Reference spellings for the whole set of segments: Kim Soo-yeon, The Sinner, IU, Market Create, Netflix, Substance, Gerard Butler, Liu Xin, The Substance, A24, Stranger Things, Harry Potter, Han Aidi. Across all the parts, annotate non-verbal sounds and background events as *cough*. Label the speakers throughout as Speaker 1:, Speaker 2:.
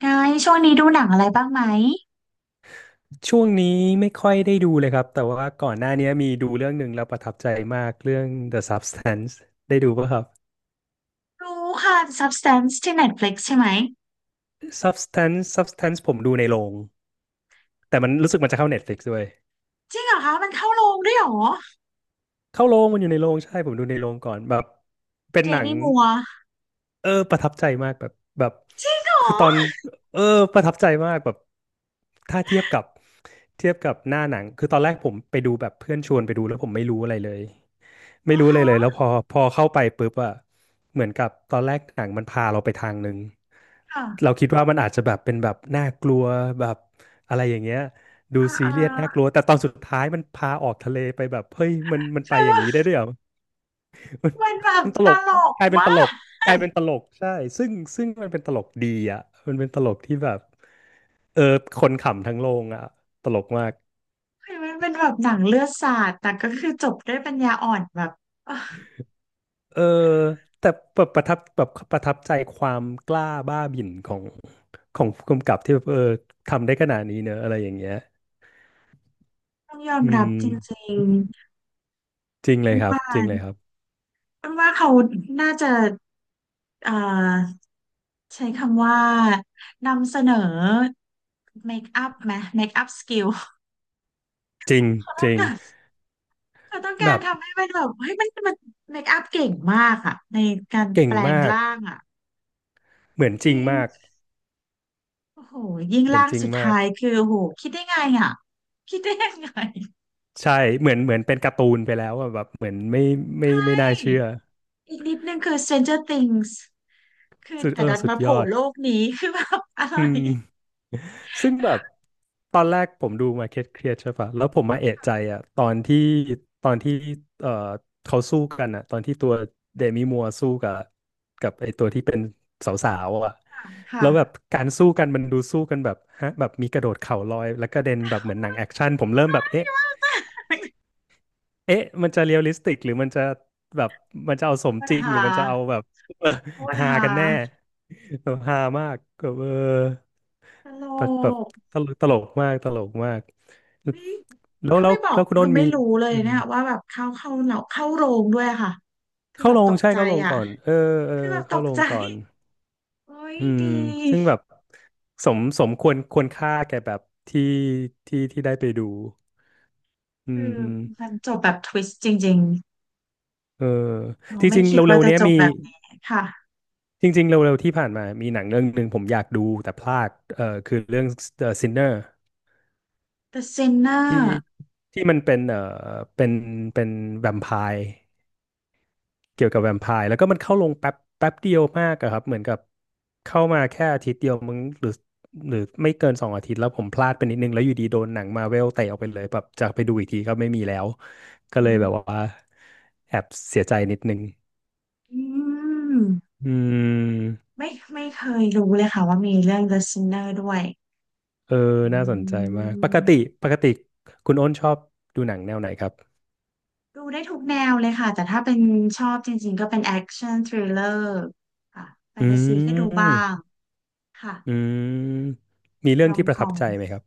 Speaker 1: ไงช่วงนี้ดูหนังอะไรบ้างไหม
Speaker 2: ช่วงนี้ไม่ค่อยได้ดูเลยครับแต่ว่าก่อนหน้านี้มีดูเรื่องหนึ่งแล้วประทับใจมากเรื่อง The Substance ได้ดูป่ะครับ
Speaker 1: ดูค่ะ Substance ที่ Netflix ใช่ไหม
Speaker 2: Substance ผมดูในโรงแต่มันรู้สึกมันจะเข้า Netflix ด้วย
Speaker 1: จริงเหรอคะมันเข้าโรงด้วยเหรอ
Speaker 2: เข้าโรงมันอยู่ในโรงใช่ผมดูในโรงก่อนแบบเป็น
Speaker 1: เด
Speaker 2: หนัง
Speaker 1: มี่มัวร์
Speaker 2: ประทับใจมากแบบแบบ
Speaker 1: จริงเหรอ
Speaker 2: คือตอนเออประทับใจมากแบบถ้าเทียบกับเทียบกับหน้าหนังคือตอนแรกผมไปดูแบบเพื่อนชวนไปดูแล้วผมไม่รู้อะไรเลย ไม่
Speaker 1: อ๋อ
Speaker 2: รู้เลยเลย
Speaker 1: ฮะ
Speaker 2: แล้วพอเข้าไปปุ๊บอะเหมือนกับตอนแรกหนังมันพาเราไปทางหนึ่ง
Speaker 1: ค่ะ
Speaker 2: เราคิดว่ามันอาจจะแบบเป็นแบบน่ากลัวแบบอะไรอย่างเงี้ยดู
Speaker 1: อ่า
Speaker 2: ซี
Speaker 1: อ่า
Speaker 2: เรียสน่ากลัวแต่ตอนสุดท้ายมันพาออกทะเลไปแบบเฮ้ยมันไปอย่างนี้
Speaker 1: คื
Speaker 2: ได้
Speaker 1: อ
Speaker 2: ด้วยเหรอมัน
Speaker 1: มันแบบ
Speaker 2: มันต
Speaker 1: ต
Speaker 2: ลก
Speaker 1: ลก
Speaker 2: กลายเป็นต
Speaker 1: มา
Speaker 2: ลก
Speaker 1: ก
Speaker 2: กลายเป็นตลกใช่ซึ่งซึ่งมันเป็นตลกดีอ่ะมันเป็นตลกที่แบบเออคนขำทั้งโรงอ่ะตลกมาก
Speaker 1: เฮมันเป็นแบบหนังเลือดสาดแต่ก็คือจบด้วยปัญญาอ่อนแบบอ่ะ
Speaker 2: เออแต่แบบประทับใจความกล้าบ้าบิ่นของของผู้กำกับที่แบบทำได้ขนาดนี้เนอะอะไรอย่างเงี้ย
Speaker 1: ต้องยอม
Speaker 2: อื
Speaker 1: รับ
Speaker 2: ม
Speaker 1: จริง
Speaker 2: จริง
Speaker 1: ๆ
Speaker 2: เล
Speaker 1: มั
Speaker 2: ย
Speaker 1: น
Speaker 2: ครับ
Speaker 1: ว่า
Speaker 2: จริงเลยครับ
Speaker 1: มันว่าเขาน่าจะเอ่อใช้คำว่านำเสนอเมคอัพไหมเมคอัพสกิล
Speaker 2: จริงจริง
Speaker 1: เขาต้อง
Speaker 2: แบ
Speaker 1: การ
Speaker 2: บ
Speaker 1: ทำให้มันแบบเฮ้ยมันมันเมคอัพเก่งมากอะในการ
Speaker 2: เก่
Speaker 1: แป
Speaker 2: ง
Speaker 1: ลง
Speaker 2: มาก
Speaker 1: ร่างอะ
Speaker 2: เหมือน
Speaker 1: จ
Speaker 2: จริง
Speaker 1: ริง
Speaker 2: มาก
Speaker 1: ๆโอ้โหยิ่ง
Speaker 2: เหมือน
Speaker 1: ร่าง
Speaker 2: จริง
Speaker 1: สุด
Speaker 2: มาก
Speaker 1: ท้ายคือโอ้โหคิดได้ไงอะคิดได้ยังไง
Speaker 2: ใช่เหมือนเป็นการ์ตูนไปแล้วอะแบบเหมือนไม่ไม่น่าเชื่อ
Speaker 1: อีกนิดนึงคือ Stranger Things คือ
Speaker 2: สุด
Speaker 1: แต่ดัน
Speaker 2: สุด
Speaker 1: มาโผ
Speaker 2: ยอ
Speaker 1: ล่
Speaker 2: ด
Speaker 1: โลกนี้คือแบบอะไร
Speaker 2: อืม ซึ่งแบบตอนแรกผมดู Market Create ใช่ปะแล้วผมมาเอะใจอ่ะตอนที่เอ่อเขาสู้กันอ่ะตอนที่ตัวเดมิมัวร์สู้กับกับไอตัวที่เป็นสาวๆอ่ะ
Speaker 1: ค่ะ
Speaker 2: แล้วแบบการสู้กันมันดูสู้กันแบบฮะแบบมีกระโดดเข่าลอยแล้วกระเด็นแบบเหมือนหนังแอคชั่นผมเริ่มแบบเอ๊ะมันจะเรียลลิสติกหรือมันจะแบบมันจะเอาสม
Speaker 1: ปัญ
Speaker 2: จริงห
Speaker 1: หา
Speaker 2: รือมันจะเอาแบบ *laughs* เออ
Speaker 1: ปัญ
Speaker 2: ฮา
Speaker 1: หา
Speaker 2: กันแน่แบบฮามากแบบ
Speaker 1: ตล
Speaker 2: แบบ
Speaker 1: ก
Speaker 2: ตลกมาก
Speaker 1: เฮ้ย
Speaker 2: แล้ว
Speaker 1: ถ้า
Speaker 2: แล้
Speaker 1: ไม่
Speaker 2: ว
Speaker 1: บอก
Speaker 2: แล้วคุณ
Speaker 1: คื
Speaker 2: โน้
Speaker 1: อ
Speaker 2: น
Speaker 1: ไม่
Speaker 2: มี
Speaker 1: รู้เลย
Speaker 2: อืม
Speaker 1: เนี่ยว่าแบบเข้าเราเข้าโรงด้วยอะค่ะคือ
Speaker 2: เข้า
Speaker 1: แบบ
Speaker 2: ล
Speaker 1: ต
Speaker 2: ง
Speaker 1: ก
Speaker 2: ใช่
Speaker 1: ใจ
Speaker 2: เข้าลง
Speaker 1: อ่ะ
Speaker 2: ก่อนเออ
Speaker 1: คือแบบต
Speaker 2: เข้า
Speaker 1: ก
Speaker 2: ลง
Speaker 1: ใจ
Speaker 2: ก่อน
Speaker 1: โอ้ย
Speaker 2: อืม
Speaker 1: ดี
Speaker 2: ซึ่งแบบสมควรค่าแก่แบบที่ที่ที่ได้ไปดูอื
Speaker 1: คือมั
Speaker 2: ม
Speaker 1: นจบแบบทวิสต์จริง
Speaker 2: เออ
Speaker 1: ๆเรา
Speaker 2: จ
Speaker 1: ไม่
Speaker 2: ริงๆ
Speaker 1: คิด
Speaker 2: เร็
Speaker 1: ว่า
Speaker 2: วๆ
Speaker 1: จะ
Speaker 2: เนี้ย
Speaker 1: จบ
Speaker 2: มี
Speaker 1: แบบนี้ค่ะ
Speaker 2: จริงๆเร็วๆที่ผ่านมามีหนังเรื่องหนึ่งผมอยากดูแต่พลาดคือเรื่อง The Sinner
Speaker 1: The
Speaker 2: ที่
Speaker 1: Sinner
Speaker 2: ที่มันเป็นเป็นเป็นแวมไพร์ เกี่ยวกับแวมไพร์แล้วก็มันเข้าลงแป๊บแป๊บเดียวมากอะครับเหมือนกับเข้ามาแค่อาทิตย์เดียวมึงหรือหรือไม่เกินสองอาทิตย์แล้วผมพลาดไปนิดนึงแล้วอยู่ดีโดนหนังมาเวลเตะออกไปเลยแบบจะไปดูอีกทีก็ไม่มีแล้วก็เลยแบบว่าแอบเสียใจนิดนึง
Speaker 1: อืม
Speaker 2: อืม
Speaker 1: ไม่ไม่เคยรู้เลยค่ะว่ามีเรื่อง The Sinner ด้วย
Speaker 2: เออ
Speaker 1: อ
Speaker 2: น่าสนใจ
Speaker 1: ื
Speaker 2: มากปกติ
Speaker 1: ม
Speaker 2: ปกติคุณอ้นชอบดูหนังแนวไหนครับ
Speaker 1: ดูได้ทุกแนวเลยค่ะแต่ถ้าเป็นชอบจริงๆก็เป็นแอคชั่นทริลเลอร์ค่ะแฟ
Speaker 2: อื
Speaker 1: นตาซีก็ดูบ้า
Speaker 2: ม
Speaker 1: งค่ะ
Speaker 2: อืมมีเรื่
Speaker 1: ร
Speaker 2: อง
Speaker 1: อม
Speaker 2: ที่ป
Speaker 1: ค
Speaker 2: ระ
Speaker 1: อ
Speaker 2: ทับ
Speaker 1: ม
Speaker 2: ใจไหมครับ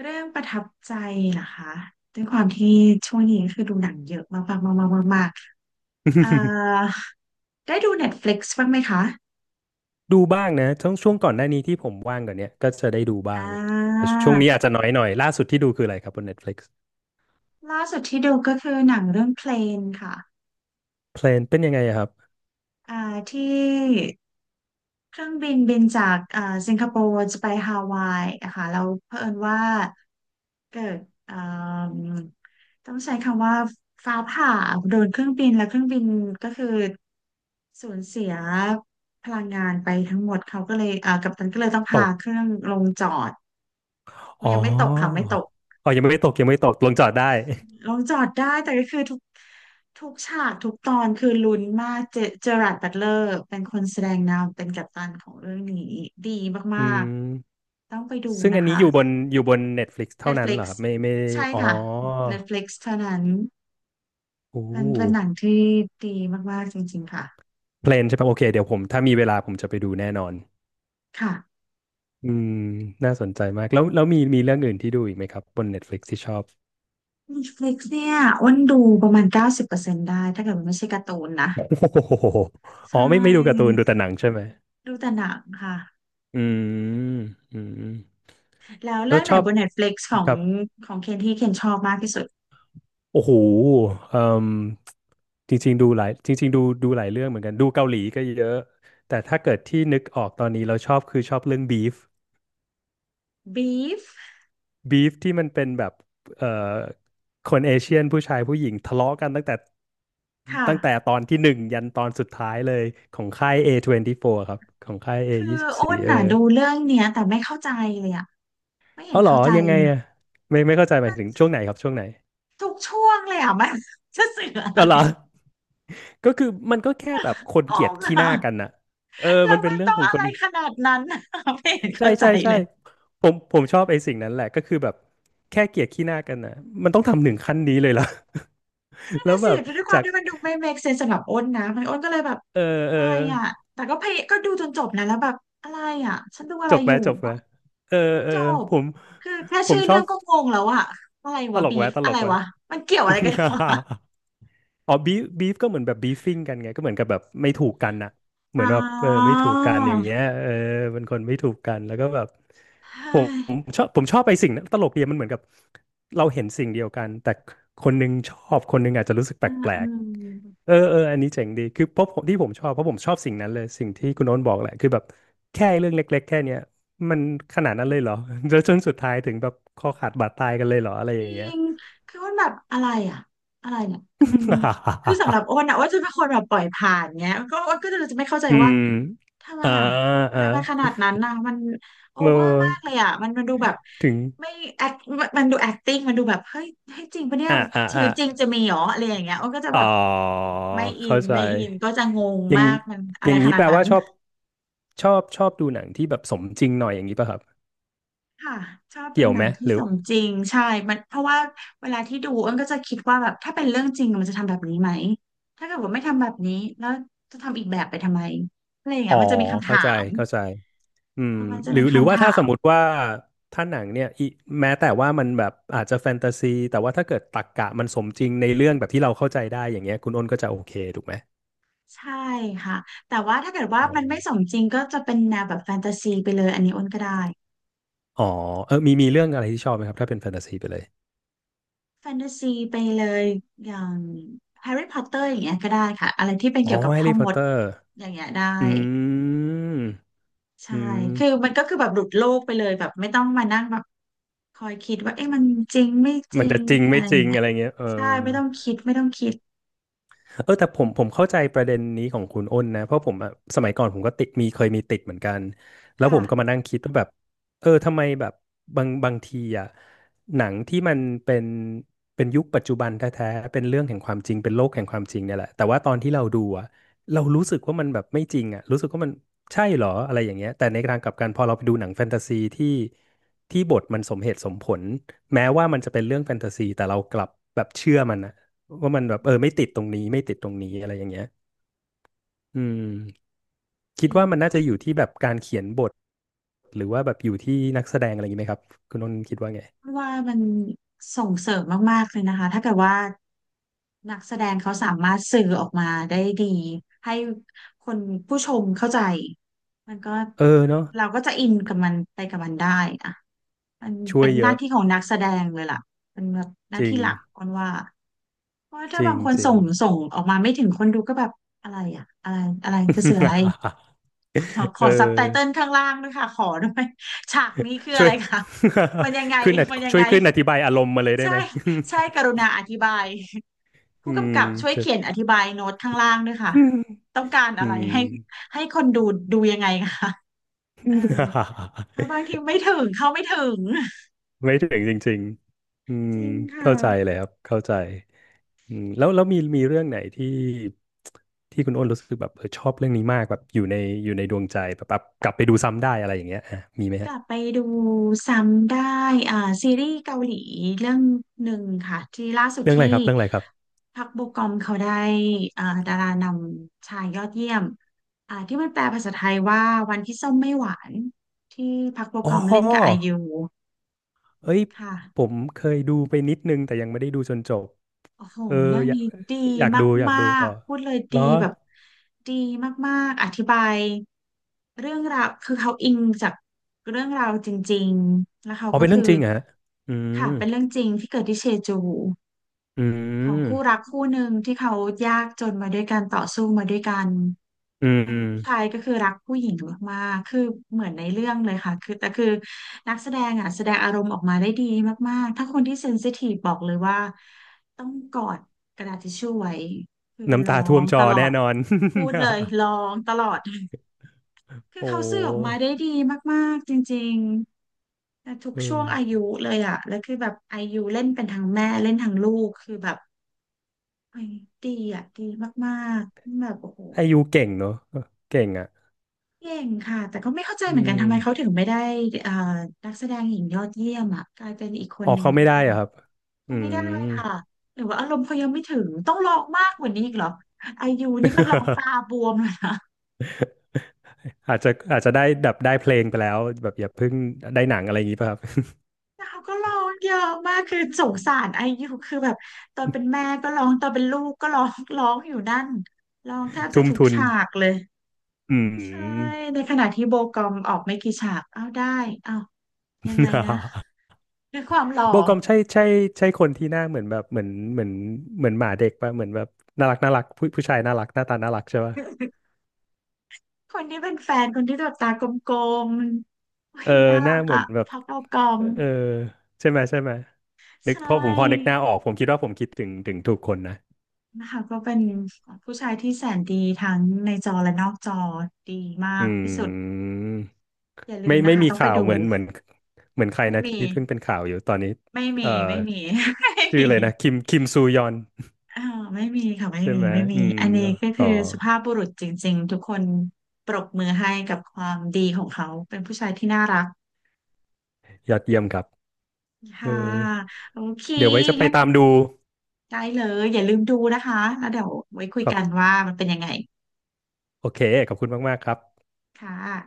Speaker 1: เรื่องประทับใจเหรอคะด้วยความที่ช่วงนี้คือดูหนังเยอะมากๆๆๆๆได้ดู Netflix บ้างไหมคะ
Speaker 2: ดูบ้างนะช่วงก่อนหน้านี้ที่ผมว่างกว่อนเนี้ยก็จะได้ดูบ้า
Speaker 1: อ่
Speaker 2: งแต่
Speaker 1: า
Speaker 2: ช่วงนี้อาจจะน้อยหน่อยล่าสุดที่ดูคืออะไรครับบน Netflix
Speaker 1: ล่าสุดที่ดูก็คือหนังเรื่องเพลนค่ะ
Speaker 2: เพลนเป็นยังไงอะครับ
Speaker 1: อ่าที่เครื่องบินบินจากสิงคโปร์จะไปฮาวายนะคะแล้วเผอิญว่าเกิดอ่ามต้องใช้คำว่าฟ้าผ่าโดนเครื่องบินแล้วเครื่องบินก็คือสูญเสียพลังงานไปทั้งหมดเขาก็เลยกัปตันก็เลยต้อง
Speaker 2: ต
Speaker 1: พา
Speaker 2: ก
Speaker 1: เครื่องลงจอด
Speaker 2: อ๋
Speaker 1: ยังไม่ตกค่ะไม่
Speaker 2: อ
Speaker 1: ตก
Speaker 2: ยังไม่ตกยังไม่ตกลงจอดได้
Speaker 1: ลงจอดได้แต่ก็คือทุกฉากทุกตอนคือลุ้นมากเจเจอราร์ดบัตเลอร์เป็นคนแสดงนำเป็นกัปตันของเรื่องนี้ดี
Speaker 2: อื
Speaker 1: มาก
Speaker 2: ม
Speaker 1: ๆต้องไปดู
Speaker 2: ซึ่ง
Speaker 1: นะ
Speaker 2: อันนี้
Speaker 1: คะ
Speaker 2: อยู่บนอยู่บน Netflix เท่านั้นเห
Speaker 1: Netflix
Speaker 2: รอครับไม่ไม่
Speaker 1: ใช่
Speaker 2: อ๋อ
Speaker 1: ค่ะ Netflix เท่านั้น
Speaker 2: โอ้
Speaker 1: เป็นเป็นหนังที่ดีมากๆจริงๆค่ะ
Speaker 2: เพลนใช่ปะโอเคเดี๋ยวผมถ้ามีเวลาผมจะไปดูแน่นอน
Speaker 1: ค่ะ
Speaker 2: อืมน่าสนใจมากแล้วแล้วมีมีเรื่องอื่นที่ดูอีกไหมครับบน Netflix ที่ชอบ
Speaker 1: Netflix เนี่ยอ้วนดูประมาณ90%ได้ถ้าเกิดมันไม่ใช่การ์ตูนนะ
Speaker 2: *laughs* โอ้โหอ๋อ
Speaker 1: ใช่
Speaker 2: ไม่ดูการ์ตูนดูแต่หนังใช่ไหม
Speaker 1: ดูแต่หนังค่ะ
Speaker 2: อืมอืม
Speaker 1: แล้ว
Speaker 2: แล้
Speaker 1: เรื่อ
Speaker 2: ว
Speaker 1: งไห
Speaker 2: ช
Speaker 1: น
Speaker 2: อบ
Speaker 1: บน Netflix ของ
Speaker 2: ครับ
Speaker 1: ของเคนที่เคนชอบมากที่สุด
Speaker 2: โอ้โหเอ่มจริงๆดูหลายจริงๆดูหลายเรื่องเหมือนกันดูเกาหลีก็เยอะแต่ถ้าเกิดที่นึกออกตอนนี้เราชอบคือชอบเรื่องบีฟ
Speaker 1: บีฟ
Speaker 2: บีฟที่มันเป็นแบบเอ่อคนเอเชียนผู้ชายผู้หญิงทะเลาะกันตั้งแต่
Speaker 1: ค่ะ
Speaker 2: ตั้งแต่ตอนที่หนึ่งยันตอนสุดท้ายเลยของค่าย A24 ครับของค่าย
Speaker 1: คืออ้น
Speaker 2: A24
Speaker 1: น่ะดูเรื่องเนี้ยแต่ไม่เข้าใจเลยอ่ะไม่เห็
Speaker 2: อ๋อ
Speaker 1: น
Speaker 2: เหรอ
Speaker 1: เข้าใจ
Speaker 2: ยังไง
Speaker 1: อะ
Speaker 2: อะไม่เข้าใจหมายถึงช่วงไหนครับช่วงไหน
Speaker 1: ทุกช่วงเลยอ่ะมันจะสื่ออะไร
Speaker 2: ก็เหรอ ก็คือมันก็แค่แบบคน
Speaker 1: ง
Speaker 2: เกลียด
Speaker 1: ง
Speaker 2: ขี้ห
Speaker 1: อ่ะ
Speaker 2: น้ากันน่ะเออ
Speaker 1: แล้
Speaker 2: มั
Speaker 1: ว
Speaker 2: นเป็น
Speaker 1: มัน
Speaker 2: เรื่อง
Speaker 1: ต้อง
Speaker 2: ของ
Speaker 1: อะ
Speaker 2: ค
Speaker 1: ไร
Speaker 2: น
Speaker 1: ขนาดนั้นอะไม่เห็น
Speaker 2: ใช่
Speaker 1: เข้าใจ
Speaker 2: ใช่
Speaker 1: เล
Speaker 2: ใช่
Speaker 1: ย
Speaker 2: ผมชอบไอ้สิ่งนั้นแหละก็คือแบบแค่เกลียดขี้หน้ากันน่ะมันต้องทำถึงขั้นนี้เลยเหรอ
Speaker 1: นั่น
Speaker 2: *laughs* แล้ว
Speaker 1: น่ะ
Speaker 2: แบ
Speaker 1: สิ
Speaker 2: บ
Speaker 1: ด้วยควา
Speaker 2: จา
Speaker 1: ม
Speaker 2: ก
Speaker 1: ที่มันดูไม่ make sense สำหรับอ้นนะมันอ้นก็เลยแบบ
Speaker 2: เออ
Speaker 1: อะ
Speaker 2: เออ
Speaker 1: ไรอ่ะแต่ก็พยก็ดูจนจบนะแล้วแบบอะไรอ่ะฉันดูอะ
Speaker 2: จ
Speaker 1: ไร
Speaker 2: บไห
Speaker 1: อ
Speaker 2: ม
Speaker 1: ยู่
Speaker 2: จบไหม
Speaker 1: อะ
Speaker 2: เออ
Speaker 1: ดู
Speaker 2: เออ
Speaker 1: จบ
Speaker 2: ผม
Speaker 1: คือแค่
Speaker 2: ผ
Speaker 1: ชื่
Speaker 2: ม
Speaker 1: อ
Speaker 2: ชอ
Speaker 1: เรื่อ
Speaker 2: บ
Speaker 1: งก็งงแล้วอ่ะอะไร
Speaker 2: ต
Speaker 1: วะ
Speaker 2: ลก
Speaker 1: บี
Speaker 2: แว้
Speaker 1: ฟ
Speaker 2: ตล
Speaker 1: อะไร
Speaker 2: กแว้
Speaker 1: วะมันเกี่ยวอะไรกันวะ *laughs*
Speaker 2: *laughs* อ๋อบีฟบีฟก็เหมือนแบบบีฟ i ิ g กันไงก็เหมือนกับแบบไม่ถูกกันน่ะเหมื
Speaker 1: อ๋
Speaker 2: อนแบบ
Speaker 1: อ
Speaker 2: ไม่ถูกกันอย่างเงี้ยเป็นคนไม่ถูกกันแล้วก็แบบ
Speaker 1: เฮ้
Speaker 2: ผมผ
Speaker 1: ย
Speaker 2: มชอบผมชอบไปสิ่งนั้นตลกดีมันเหมือนกับเราเห็นสิ่งเดียวกันแต่คนหนึงชอบคนหนึงอาจจะรู้สึกแป
Speaker 1: อ่า
Speaker 2: ล
Speaker 1: อ่
Speaker 2: ก
Speaker 1: า
Speaker 2: ๆเอออันนี้เจ๋งดีคือเพราะผมที่ผมชอบเพราะผมชอบสิ่งนั้นเลยสิ่งที่คุณโน้นบอกแหละคือแบบแค่เรื่องเล็กๆแค่เนี้ยมันขนาดนั้นเลยเหรอแล้วจนสุดท้ายถึงแบบคอขาดบาดตายกันเลยเหรออะไร
Speaker 1: จ
Speaker 2: อ
Speaker 1: ริ
Speaker 2: ย่างเงี้ย
Speaker 1: งคืออ้วนแบบอะไรอ่ะอะไรเนี่ยมันคือสำหรับอ้
Speaker 2: *laughs*
Speaker 1: วนอ่ะอ้วนจะเป็นคนแบบปล่อยผ่านเงี้ยก็อ้วนก็จะไม่เข้าใจ
Speaker 2: อื
Speaker 1: ว่า
Speaker 2: ม
Speaker 1: ทำไม
Speaker 2: อ่า
Speaker 1: อ่ะอะไร
Speaker 2: อ่า
Speaker 1: มันขนาดนั้นนะมันโอ
Speaker 2: เอ
Speaker 1: เวอร์มากเล
Speaker 2: อ
Speaker 1: ยอ่ะมันมันดูแบบ
Speaker 2: ถึง
Speaker 1: ไม่แอคมันดู acting มันดูแบบเฮ้ยเฮ้ยจริงปะเนี่ย
Speaker 2: อ่าอ่า
Speaker 1: ชี
Speaker 2: อ่า
Speaker 1: วิตจริงจะมีเหรออะไรอย่างเงี้ยอ้วนก็จะ
Speaker 2: อ๋อ
Speaker 1: แบบไม่อิ
Speaker 2: เข้า
Speaker 1: น
Speaker 2: ใจ
Speaker 1: ไม่อินก็จะงง
Speaker 2: อย่าง
Speaker 1: มากมันอะ
Speaker 2: อ
Speaker 1: ไร
Speaker 2: ย่าง
Speaker 1: ข
Speaker 2: นี้
Speaker 1: นา
Speaker 2: แป
Speaker 1: ด
Speaker 2: ล
Speaker 1: นั้
Speaker 2: ว่า
Speaker 1: น
Speaker 2: ชอบชอบดูหนังที่แบบสมจริงหน่อยอย่างนี้ป่ะครับ
Speaker 1: ค่ะชอบดู
Speaker 2: เกี่ยว
Speaker 1: หนั
Speaker 2: ไหม
Speaker 1: งที่
Speaker 2: หรื
Speaker 1: ส
Speaker 2: อ
Speaker 1: มจริงใช่มันเพราะว่าเวลาที่ดูอ้นก็จะคิดว่าแบบถ้าเป็นเรื่องจริงมันจะทำแบบนี้ไหมถ้าเกิดว่าไม่ทำแบบนี้แล้วจะทำอีกแบบไปทำไมอะไรอย่าง
Speaker 2: อ๋
Speaker 1: เงี้
Speaker 2: อ
Speaker 1: ยมันจะมีคำ
Speaker 2: เข้า
Speaker 1: ถา
Speaker 2: ใจ
Speaker 1: ม
Speaker 2: เข้าใจอื
Speaker 1: เอ
Speaker 2: ม
Speaker 1: อมันจะ
Speaker 2: หรื
Speaker 1: มี
Speaker 2: อหรือ
Speaker 1: คำ
Speaker 2: ว่าถ้า
Speaker 1: ถา
Speaker 2: ส
Speaker 1: ม
Speaker 2: มมติว่าถ้าหนังเนี่ยแม้แต่ว่ามันแบบอาจจะแฟนตาซีแต่ว่าถ้าเกิดตรรกะมันสมจริงในเรื่องแบบที่เราเข้าใจได้อย่างเงี้ยคุณอ้นก็จะโอเคถูกไหม
Speaker 1: ใช่ค่ะแต่ว่าถ้าเกิดว่า
Speaker 2: อ๋อ
Speaker 1: มันไม่สมจริงก็จะเป็นแนวแบบแฟนตาซีไปเลยอันนี้อ้นก็ได้
Speaker 2: อ๋อเออมีเรื่องอะไรที่ชอบไหมครับถ้าเป็นแฟนตาซีไปเลย
Speaker 1: แฟนตาซีไปเลยอย่างแฮร์รี่พอตเตอร์อย่างเงี้ยก็ได้ค่ะอะไรที่เป็น
Speaker 2: อ๋อ
Speaker 1: เกี่ยวกับ
Speaker 2: แฮร์
Speaker 1: พ่อ
Speaker 2: รี่พ
Speaker 1: ม
Speaker 2: อตเต
Speaker 1: ด
Speaker 2: อร์
Speaker 1: อย่างเงี้ยได้
Speaker 2: อืม
Speaker 1: ใช่
Speaker 2: อืม
Speaker 1: คือมันก็คือแบบหลุดโลกไปเลยแบบไม่ต้องมานั่งแบบคอยคิดว่าเอ๊ะมันจริงไม่จ
Speaker 2: มั
Speaker 1: ริ
Speaker 2: นจะ
Speaker 1: ง
Speaker 2: จริง
Speaker 1: อะ
Speaker 2: ไม่
Speaker 1: ไร
Speaker 2: จ
Speaker 1: อ
Speaker 2: ริ
Speaker 1: ย่าง
Speaker 2: ง
Speaker 1: เงี้ย
Speaker 2: อะไรเงี้ยเออ
Speaker 1: ใช่ไม่ต้องคิดไม่ต้องคิด
Speaker 2: เออแต่ผมเข้าใจประเด็นนี้ของคุณอ้นนะเพราะผมอะสมัยก่อนผมก็ติดมีเคยมีติดเหมือนกันแล้วผ
Speaker 1: ค่ะ
Speaker 2: มก็มานั่งคิดว่าแบบเออทำไมแบบบางทีอะหนังที่มันเป็นเป็นยุคปัจจุบันแท้ๆเป็นเรื่องแห่งความจริงเป็นโลกแห่งความจริงเนี่ยแหละแต่ว่าตอนที่เราดูอะเรารู้สึกว่ามันแบบไม่จริงอะรู้สึกว่ามันใช่เหรออะไรอย่างเงี้ยแต่ในทางกลับกันพอเราไปดูหนังแฟนตาซีที่บทมันสมเหตุสมผลแม้ว่ามันจะเป็นเรื่องแฟนตาซีแต่เรากลับแบบเชื่อมันอะ ว่ามันแบบเออไม่ติดตรงนี้ไม่ติดตรงนี้อะไรอย่างเงี้ยอืมคิ
Speaker 1: จ
Speaker 2: ด
Speaker 1: ริง
Speaker 2: ว่ามันน่าจะอยู่ที่แบบการเขียนบทหรือว่าแบบอยู่ที่นักแสดงอะไรอย่างงี้ไหมครับคุณนนท์คิดว่าไง
Speaker 1: ว่ามันส่งเสริมมากๆเลยนะคะถ้าเกิดว่านักแสดงเขาสามารถสื่อออกมาได้ดีให้คนผู้ชมเข้าใจมันก็
Speaker 2: เออเนาะ
Speaker 1: เราก็จะอินกับมันไปกับมันได้อะมัน
Speaker 2: ช่ว
Speaker 1: เป็
Speaker 2: ย
Speaker 1: นห
Speaker 2: เย
Speaker 1: น้า
Speaker 2: อะ
Speaker 1: ที่ของนักแสดงเลยล่ะเป็นแบบหน้า
Speaker 2: จริ
Speaker 1: ที่
Speaker 2: ง
Speaker 1: หลักคนว่า เพราะว่า
Speaker 2: จ
Speaker 1: ถ้า
Speaker 2: ริ
Speaker 1: บาง
Speaker 2: ง
Speaker 1: คน
Speaker 2: จริ
Speaker 1: ส่
Speaker 2: ง
Speaker 1: งส่งออกมาไม่ถึงคนดูก็แบบอะไรอ่ะอะไรอะไรจะสื่ออะไรขอ
Speaker 2: *laughs*
Speaker 1: ข
Speaker 2: เ
Speaker 1: อซับไตเติล
Speaker 2: ออ
Speaker 1: ข้างล่างด้วยค่ะขอด้วย *laughs* ฉากนี้คือ
Speaker 2: ช่
Speaker 1: อะ
Speaker 2: ว
Speaker 1: ไร
Speaker 2: ย
Speaker 1: คะมันยังไง
Speaker 2: *laughs* ขึ้น
Speaker 1: มันยัง
Speaker 2: ช่ว
Speaker 1: ไง
Speaker 2: ยขึ้นอธิบายอารมณ์มาเลยได้
Speaker 1: ใช่
Speaker 2: ไหม
Speaker 1: ใช่กรุ
Speaker 2: *laughs*
Speaker 1: ณาอธิบายผู้
Speaker 2: อื
Speaker 1: กำ
Speaker 2: ม
Speaker 1: กับช่วย
Speaker 2: *laughs* จะ
Speaker 1: เขียนอธิบายโน้ตข้างล่างด้วยค่ะต้องการ
Speaker 2: อื
Speaker 1: อะไร
Speaker 2: ม
Speaker 1: ให้ให้คนดูดูยังไงคะเออเพราะบางที
Speaker 2: *laughs*
Speaker 1: ไม่ถึงเข้าไม่ถึง
Speaker 2: ไม่ถึงจริงๆอืม
Speaker 1: จริงค่ะ
Speaker 2: เข้าใจเลยครับเข้าใจ อืมแล้วมีเรื่องไหนที่คุณอ้นรู้สึกแบบเออชอบเรื่องนี้มากแบบอยู่ในดวงใจแบบแบบกลับไปดูซ้ำได้อะไรอย่างเงี้ยอ่ะมีไหม
Speaker 1: ก
Speaker 2: ฮะ
Speaker 1: ลับไปดูซ้ำได้อ่าซีรีส์เกาหลีเรื่องหนึ่งค่ะที่ล่าสุด
Speaker 2: เรื่องอะ
Speaker 1: ที่
Speaker 2: ไรครับเรื่องอะไรครับ
Speaker 1: พักโบกอมเขาได้ดารานำชายยอดเยี่ยมที่มันแปลภาษาไทยว่าวันที่ส้มไม่หวานที่พักโบ
Speaker 2: อ๋
Speaker 1: ก
Speaker 2: อ
Speaker 1: อมเล่นกับไอยู
Speaker 2: เอ้ย
Speaker 1: ค
Speaker 2: ผ
Speaker 1: ่ะ
Speaker 2: มเคยดูไปนิดนึงแต่ยังไม่ได้ดูจนจบ
Speaker 1: โอ้โห
Speaker 2: เออ
Speaker 1: เรื่อง
Speaker 2: อยาก
Speaker 1: นี้ดี
Speaker 2: อยากดูอยาก
Speaker 1: มา
Speaker 2: ดู
Speaker 1: ก
Speaker 2: ต่อ
Speaker 1: ๆพูดเลย
Speaker 2: เหร
Speaker 1: ดี
Speaker 2: อ
Speaker 1: แบบดีมากๆอธิบายเรื่องราวคือเขาอิงจากเรื่องราวจริงๆ แล้วเขา
Speaker 2: อ๋อ
Speaker 1: ก็
Speaker 2: เป็นเรื่
Speaker 1: คื
Speaker 2: อง
Speaker 1: อ
Speaker 2: จริงเหรอฮะอืม
Speaker 1: ค่ะเป็นเรื่องจริงที่เกิดที่เชจู
Speaker 2: อื
Speaker 1: ของคู่รัก
Speaker 2: ม
Speaker 1: คู่หนึ่งที่เขายากจนมาด้วยกันต่อสู้มาด้วยกัน
Speaker 2: อืม
Speaker 1: นั่น
Speaker 2: อื
Speaker 1: คื
Speaker 2: ม
Speaker 1: อผู้ชายก็คือรักผู้หญิงมากๆคือเหมือนในเรื่องเลยค่ะคือแต่คือนักแสดงอ่ะแสดงอารมณ์ออกมาได้ดีมากๆถ้าคนที่เซนซิทีฟบอกเลยว่าต้องกอดกระดาษทิชชู่ไว้คือ
Speaker 2: น้ำ
Speaker 1: ร้อ
Speaker 2: ตาท่วม
Speaker 1: ง
Speaker 2: จ
Speaker 1: ต
Speaker 2: อ
Speaker 1: ลอ
Speaker 2: แน่
Speaker 1: ด
Speaker 2: นอน
Speaker 1: พูดเลยร้องตลอด
Speaker 2: *laughs*
Speaker 1: คือ
Speaker 2: โอ้
Speaker 1: เขา
Speaker 2: โ
Speaker 1: สื่อออกมา
Speaker 2: ห
Speaker 1: ได้ดีมากๆจริงๆแต่ทุก
Speaker 2: เอ
Speaker 1: ช่วง
Speaker 2: อ
Speaker 1: อายุเลยอ่ะแล้วคือแบบอายุเล่นเป็นทั้งแม่เล่นทั้งลูกคือแบบ ไอ้ยดีอ่ะดีมากๆแบบโอ้โห
Speaker 2: ไอยูเก่งเนอะเก่งอ่ะ
Speaker 1: เก่งค่ะแต่ก็ไม่เข้าใจ
Speaker 2: อื
Speaker 1: เหมือนกันทำไมเขา
Speaker 2: ม
Speaker 1: ถึงไม่ได้เอ่อนักแสดงหญิงยอดเยี่ยมอ่ะกลายเป็นอีกค
Speaker 2: อ
Speaker 1: น
Speaker 2: อ
Speaker 1: ห
Speaker 2: ก
Speaker 1: นึ่ง
Speaker 2: เขาไม่
Speaker 1: ได้
Speaker 2: ได้อะครับ อื
Speaker 1: เขาไม่
Speaker 2: ม
Speaker 1: ได้ค่ะหรือว่าอารมณ์เขายังไม่ถึงต้องร้องมากกว่านี้อีกเหรอไอยูนี่ก็ร้องตาบวมเลยนะ
Speaker 2: อาจจะได้แบบได้เพลงไปแล้วแบบอย่าเพิ่งได้หนังอะไรอย่างนี้ป่ะครับ
Speaker 1: แต่เขาก็ร้องเยอะมากคือสงสารไอยูคือแบบตอนเป็นแม่ก็ร้องตอนเป็นลูกก็ร้องร้องอยู่นั่นร้องแทบ
Speaker 2: *laughs*
Speaker 1: จะ
Speaker 2: ทุ่ม
Speaker 1: ทุก
Speaker 2: ทุน
Speaker 1: ฉากเลย
Speaker 2: อื
Speaker 1: ใช่
Speaker 2: ม
Speaker 1: ในขณะที่โบกอมออกไม่กี่ฉากเอ้าได้เอ้า ยังไงนะ
Speaker 2: *laughs*
Speaker 1: ด้วยความหล่อ
Speaker 2: โบกอมใช่ใช่ใช่คนที่หน้าเหมือนแบบเหมือนเหมือนหมาเด็กป่ะเหมือนแบบน่ารักน่ารักผู้ชายน่ารักหน้าตาน่ารักใช่ป่ะ
Speaker 1: *laughs* คนที่เป็นแฟนคนที่แบบตากลมๆ
Speaker 2: เออ
Speaker 1: วิ่งน่า
Speaker 2: ห
Speaker 1: รั
Speaker 2: น้า
Speaker 1: ก
Speaker 2: เหมื
Speaker 1: อะ
Speaker 2: อนแบบ
Speaker 1: พักเอากอม
Speaker 2: เออใช่ไหมนึ
Speaker 1: ใช
Speaker 2: กพอผมนึกห
Speaker 1: ่
Speaker 2: น้าออกผมคิดว่าผมคิดถึงถูกคนนะ
Speaker 1: นะคะก็เป็นผู้ชายที่แสนดีทั้งในจอและนอกจอดีมา
Speaker 2: อื
Speaker 1: กที่สุด
Speaker 2: ม
Speaker 1: อย่าลื
Speaker 2: ไม่
Speaker 1: มนะ
Speaker 2: ไม่
Speaker 1: คะ
Speaker 2: มี
Speaker 1: ต้องไป
Speaker 2: ข่าว
Speaker 1: ดู
Speaker 2: เหมือนเหมือนใครนะที่เพิ่งเป็นข่าวอยู่ตอนนี้
Speaker 1: ไม่มี
Speaker 2: เอ่อ
Speaker 1: ไม่มี *laughs* ไม่
Speaker 2: ชื่อ
Speaker 1: มี
Speaker 2: อะไรนะคิมซูยอน
Speaker 1: อ่าไม่มีค่ะ
Speaker 2: *laughs*
Speaker 1: ไม่
Speaker 2: ใช่
Speaker 1: มี
Speaker 2: ไหม
Speaker 1: ไม่มี
Speaker 2: อืม
Speaker 1: อันนี้ก็
Speaker 2: อ๋
Speaker 1: คือ
Speaker 2: อ
Speaker 1: สุภาพบุรุษจริงๆทุกคนปรบมือให้กับความดีของเขาเป็นผู้ชายที่น่ารัก
Speaker 2: ยอดเยี่ยมครับเออ
Speaker 1: ค่ะโอเค
Speaker 2: เดี๋ยวไว้จะไป
Speaker 1: งั้น
Speaker 2: ตามดู
Speaker 1: ได้เลยอย่าลืมดูนะคะแล้วเดี๋ยวไว้คุย
Speaker 2: ครั
Speaker 1: กัน
Speaker 2: บ
Speaker 1: ว่ามันเป็นยังไง
Speaker 2: โอเคขอบคุณมากๆครับ
Speaker 1: ค่ะ